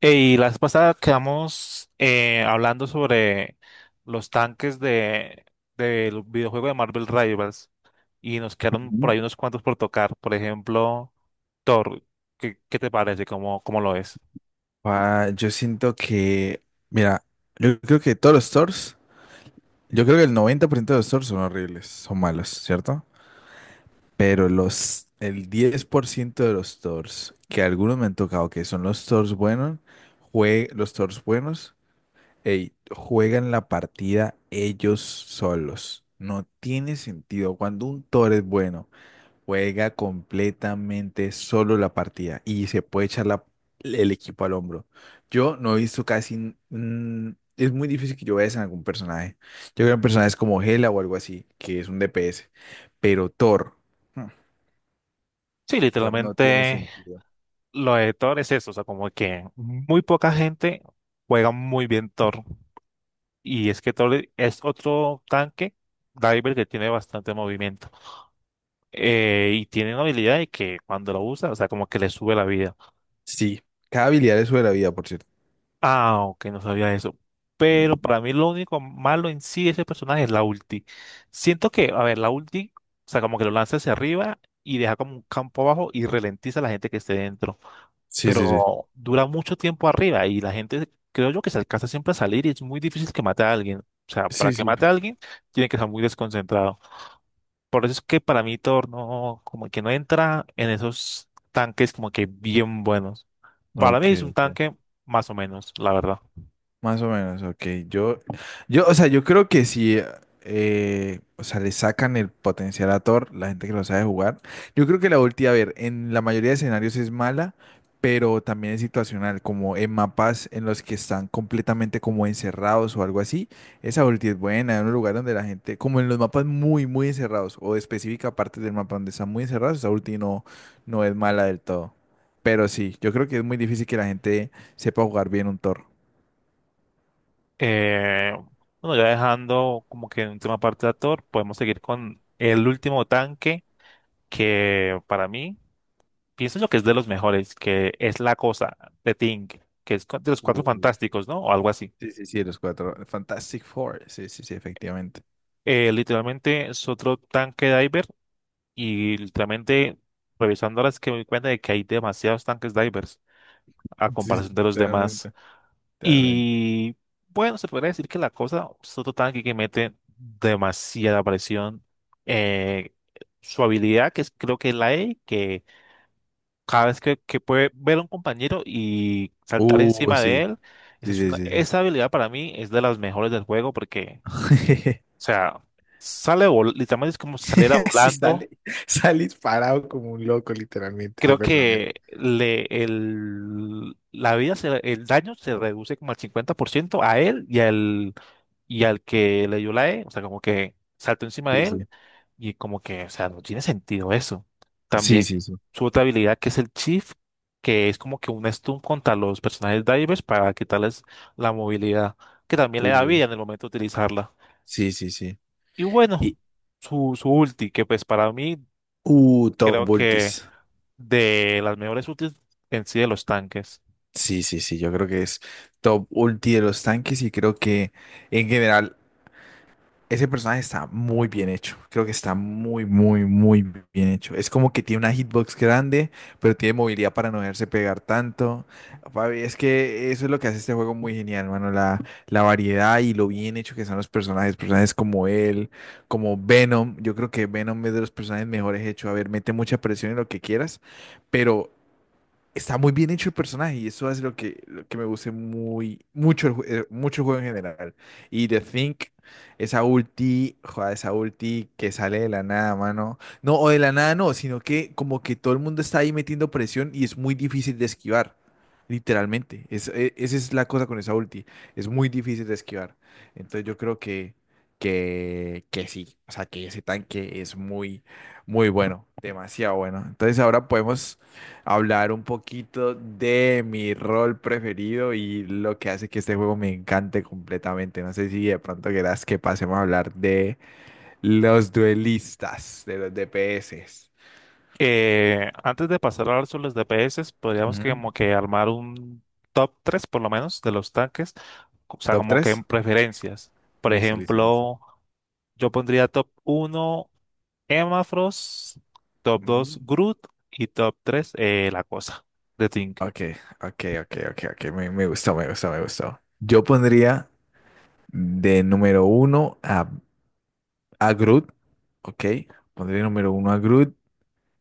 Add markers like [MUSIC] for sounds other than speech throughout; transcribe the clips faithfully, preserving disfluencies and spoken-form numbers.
Y la vez pasada quedamos eh, hablando sobre los tanques de del videojuego de Marvel Rivals y nos quedaron por Ujú. ahí unos cuantos por tocar. Por ejemplo, Thor, ¿qué, qué te parece? ¿Cómo, cómo lo es? Ah, yo siento que, mira, yo creo que todos los stores, yo creo que el noventa por ciento de los stores son horribles, son malos, ¿cierto? Pero los, el diez por ciento de los stores, que algunos me han tocado, que son los stores buenos, jue- los stores buenos, ey, juegan la partida ellos solos. No tiene sentido. Cuando un tor es bueno juega completamente solo la partida y se puede echar la- el equipo al hombro. Yo no he visto casi... n- mm, Es muy difícil que yo vea eso en algún personaje. Yo veo en personajes como Hela o algo así, que es un D P S. Pero Thor... hmm, Sí, Thor no tiene literalmente sentido. lo de Thor es eso, o sea, como que muy poca gente juega muy bien Thor. Y es que Thor es otro tanque diver que tiene bastante movimiento, eh, y tiene una habilidad de que cuando lo usa, o sea, como que le sube la vida. Sí, cada habilidad es sobre la vida, por cierto. Ah, ok, no sabía eso. Pero Mm. para mí lo único malo en sí de ese personaje es la ulti. Siento que, a ver, la ulti, o sea, como que lo lanza hacia arriba y deja como un campo abajo y ralentiza a la gente que esté dentro. Sí, sí, sí. Pero dura mucho tiempo arriba y la gente, creo yo, que se alcanza siempre a salir y es muy difícil que mate a alguien. O sea, para Sí, que sí. mate a alguien, tiene que estar muy desconcentrado. Por eso es que para mí Thor no, como que no entra en esos tanques como que bien buenos. Para mí Ok. es un tanque más o menos, la verdad. Más o menos, ok. Yo, yo, o sea, yo creo que si, eh, o sea, le sacan el potencial a Thor, la gente que lo sabe jugar. Yo creo que la ulti, a ver, en la mayoría de escenarios es mala, pero también es situacional, como en mapas en los que están completamente como encerrados o algo así. Esa ulti es buena, en un lugar donde la gente, como en los mapas muy, muy encerrados, o de específica parte del mapa donde están muy encerrados, esa ulti no, no es mala del todo. Pero sí, yo creo que es muy difícil que la gente sepa jugar bien un Thor. Eh, bueno, ya dejando como que en última parte de actor, podemos seguir con el último tanque que para mí pienso yo que es de los mejores, que es La Cosa de Thing, que es de los Cuatro Uf. Fantásticos, ¿no? O algo así. Sí, sí, sí, los cuatro. Fantastic Four. Sí, sí, sí, efectivamente. Eh, literalmente es otro tanque diver y literalmente revisando ahora es que me doy cuenta de que hay demasiados tanques divers a Sí, sí, comparación de los demás. claramente, claramente. Y bueno, se podría decir que la cosa, Soto Tanque que mete demasiada presión. eh, Su habilidad, que es, creo que es la E, que cada vez que, que puede ver a un compañero y saltar Uh, encima de Sí. él, esa, Sí, es sí, una- sí, sí. esa habilidad para mí es de las mejores del juego porque, o [LAUGHS] sea, sale, vol- literalmente es como si saliera Sí, volando. sale, sale disparado como un loco, literalmente, ese Creo personaje. que le, el, la vida, se- el daño se reduce como al cincuenta por ciento a él y al, y al que le dio la E, o sea, como que saltó encima Sí, de él sí. y como que, o sea, no tiene sentido eso. Sí, También sí, sí. su otra habilidad, que es el Chief, que es como que un stun contra los personajes divers para quitarles la movilidad, que también le da Uh, vida en el momento de utilizarla. sí, sí, sí. Y bueno, Y, su, su ulti, que pues para mí uh, creo Top que Ultis. de las mejores útiles en sí de los tanques. Sí, sí, sí, yo creo que es Top Ulti de los tanques y creo que en general ese personaje está muy bien hecho. Creo que está muy, muy, muy bien hecho. Es como que tiene una hitbox grande, pero tiene movilidad para no dejarse pegar tanto. Papi, es que eso es lo que hace este juego muy genial, mano. La, la variedad y lo bien hecho que son los personajes. Personajes como él, como Venom. Yo creo que Venom es de los personajes mejores hechos. A ver, mete mucha presión en lo que quieras, pero está muy bien hecho el personaje y eso es lo que, lo que me gusta muy, mucho el, ju- eh, mucho el juego en general. Y The Think, esa ulti, joder, esa ulti que sale de la nada, mano. No, o de la nada no, sino que como que todo el mundo está ahí metiendo presión y es muy difícil de esquivar. Literalmente, es, e- esa es la cosa con esa ulti, es muy difícil de esquivar. Entonces yo creo que, que, que sí, o sea que ese tanque es muy, muy bueno, demasiado bueno. Entonces ahora podemos hablar un poquito de mi rol preferido y lo que hace que este juego me encante completamente. No sé si de pronto querás que pasemos a hablar de los duelistas, de los D P S. Eh, antes de pasar a hablar sobre los D P S, podríamos que Ujú. como que armar un top tres por lo menos de los tanques, o sea, ¿Top como que tres? en preferencias. Por Listo, listo, listo. ejemplo, yo pondría top uno emma frost, top Ujú. dos Groot y top tres eh, la cosa de Tink. Ok, ok, ok, ok, ok. Me, me gustó, me gustó, me gustó. Yo pondría de número uno a, a, Groot. Ok, pondría número uno a Groot.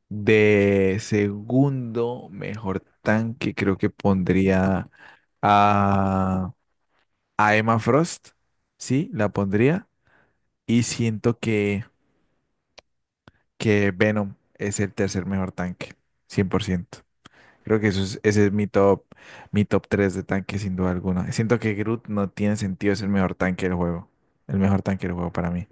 De segundo mejor tanque, creo que pondría a, a Emma Frost. Sí, la pondría. Y siento que, que, Venom es el tercer mejor tanque, cien por ciento. Creo que eso es, ese es mi top, mi top tres de tanque, sin duda alguna. Siento que Groot no tiene sentido, es el mejor tanque del juego. El mejor tanque del juego para mí.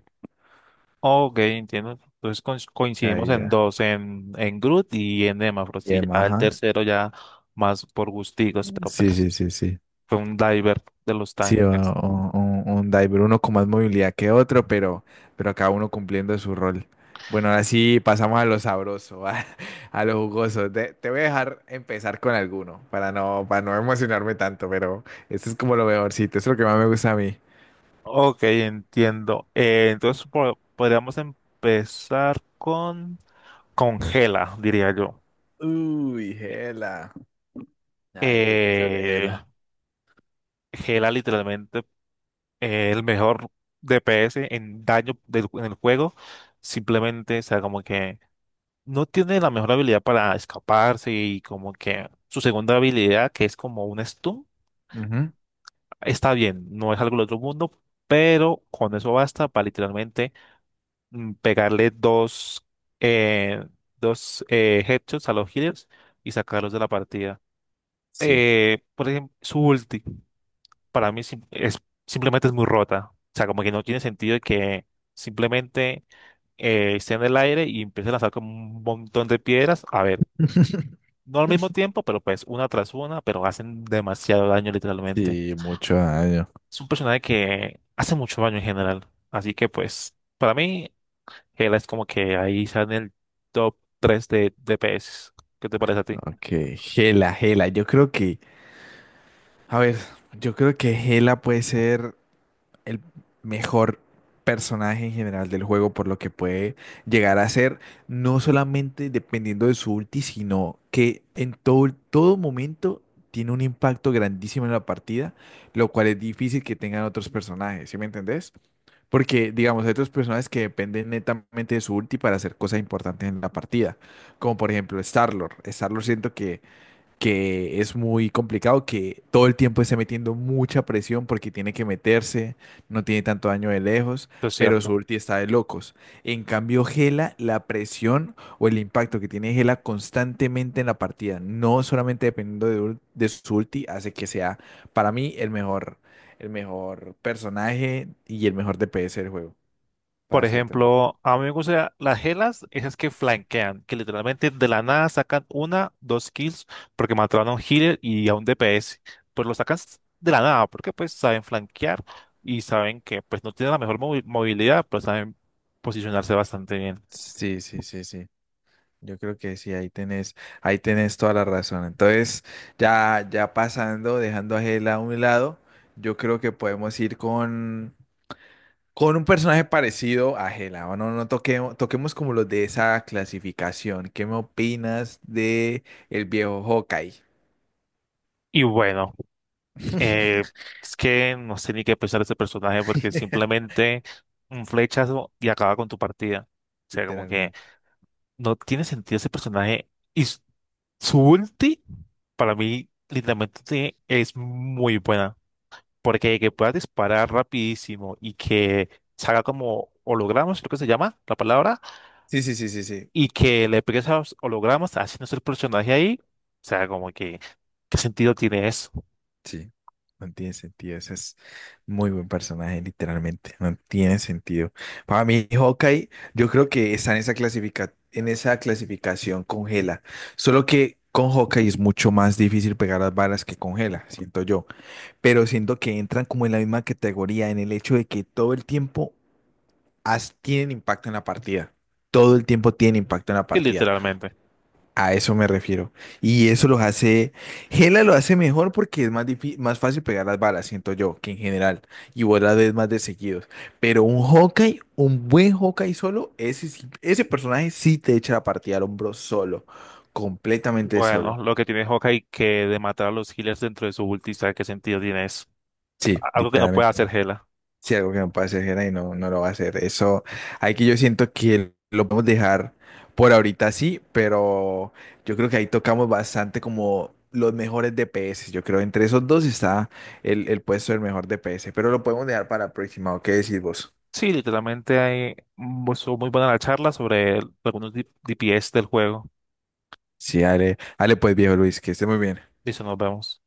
Ok, entiendo. Entonces coinc- coincidimos Ahí en ya. dos, en, en Groot y en emma frost. Y Y Emma, ya el ajá. tercero ya más por gustigos, pero Sí, pues sí, sí, sí. fue un diver de los Sí, o- tanques. o- un, un diver, uno con más movilidad que otro, pero, pero cada uno cumpliendo su rol. Bueno, ahora sí pasamos a lo sabroso, [LAUGHS] a, a lo jugoso. Te, te voy a dejar empezar con alguno para no, para no emocionarme tanto, pero esto es como lo mejorcito, es lo que más me gusta a mí. Ok, entiendo. Eh, entonces po- podríamos empezar con, con Gela, diría yo. Uy, Gela. A ver, ¿qué piensas de Eh, Gela? Gela literalmente es el mejor D P S en daño del- en el juego. Simplemente, o sea, como que no tiene la mejor habilidad para escaparse y como que su segunda habilidad, que es como un stun, Ujú. está bien, no es algo del otro mundo, pero con eso basta para literalmente, mm, pegarle dos, eh, dos eh, headshots a los healers y sacarlos de la partida. Sí. Eh, por ejemplo, su ulti para mí sim- es, simplemente es muy rota. O sea, como que no tiene sentido que simplemente eh, esté en el aire y empiece a lanzar como un montón de piedras. A ver, [LAUGHS] no al mismo tiempo, pero pues una tras una, pero hacen demasiado daño literalmente. Sí, mucho daño. Es un personaje que hace mucho daño en general. Así que pues, para mí, Hela es como que ahí está en el top tres de D P S. ¿Qué te parece a ti? Ok, Gela, Gela. Yo creo que, a ver, yo creo que Gela puede ser el mejor personaje en general del juego por lo que puede llegar a ser, no solamente dependiendo de su ulti, sino que en todo, todo momento tiene un impacto grandísimo en la partida, lo cual es difícil que tengan otros personajes, ¿sí me entendés? Porque, digamos, hay otros personajes que dependen netamente de su ulti para hacer cosas importantes en la partida. Como por ejemplo Starlord. Starlord Siento que que es muy complicado, que todo el tiempo esté metiendo mucha presión porque tiene que meterse, no tiene tanto daño de lejos, Esto es pero su cierto. ulti está de locos. En cambio, Gela, la presión o el impacto que tiene Gela constantemente en la partida, no solamente dependiendo de, ul- de su ulti, hace que sea para mí el mejor, el mejor personaje y el mejor D P S del juego, Por para ser tan. ejemplo, a mí me gustan las helas, esas que flanquean, que literalmente de la nada sacan una, dos kills, porque mataron a un healer y a un D P S. Pues lo sacan s- de la nada, porque pues saben flanquear y saben que pues no tienen la mejor movi- movilidad, pero saben posicionarse bastante bien. Sí, sí, sí, sí. Yo creo que sí, ahí tenés, ahí tenés, toda la razón. Entonces, ya, ya pasando, dejando a Hela a un lado, yo creo que podemos ir con, con, un personaje parecido a Hela. O no, no toquemos, toquemos como los de esa clasificación. ¿Qué me opinas de el viejo Hawkeye? Y bueno, eh, [LAUGHS] es que no sé ni qué pensar de ese personaje porque simplemente un flechazo y acaba con tu partida. O sea, como que Literalmente. no tiene sentido ese personaje. Y s- su ulti, para mí, literalmente es muy buena. Porque que pueda disparar rapidísimo y que salga como hologramas, creo que se llama la palabra, Sí, sí, sí, sí, sí. y que le pegues a los hologramas haciendo ese personaje ahí. O sea, como que, ¿qué sentido tiene eso? Sí, no tiene sentido. Ese es muy buen personaje, literalmente. No tiene sentido. Para mí, Hawkeye, yo creo que está en esa clasifica- en esa clasificación congela. Solo que con Hawkeye es mucho más difícil pegar las balas que congela, siento yo. Pero siento que entran como en la misma categoría en el hecho de que todo el tiempo has- tienen impacto en la partida. Todo el tiempo tienen impacto en la Y partida. literalmente. A eso me refiero. Y eso los hace, Gela lo hace mejor porque es más difí- más fácil pegar las balas, siento yo, que en general. Y vos las ves más de seguidos. Pero un Hawkeye, un buen Hawkeye solo, ese, sí- ese personaje sí te echa la partida al hombro solo. Completamente Bueno, solo. lo que tiene Hawkeye que de matar a los healers dentro de su ulti, ¿sabe qué sentido tiene eso? Sí, Algo que no puede literalmente. hacer Hela. Si algo que no puede hacer Jera y no, no lo va a hacer. Eso, aquí yo siento que lo podemos dejar por ahorita así, pero yo creo que ahí tocamos bastante como los mejores D P S. Yo creo entre esos dos está el, el puesto del mejor D P S, pero lo podemos dejar para la próxima. ¿O ¿Qué decís vos? Sí, literalmente hay, mm, estuvo muy buena la charla sobre algunos D- DPS del juego. Sí, dale, dale pues viejo Luis, que esté muy bien. Dice, nos vemos.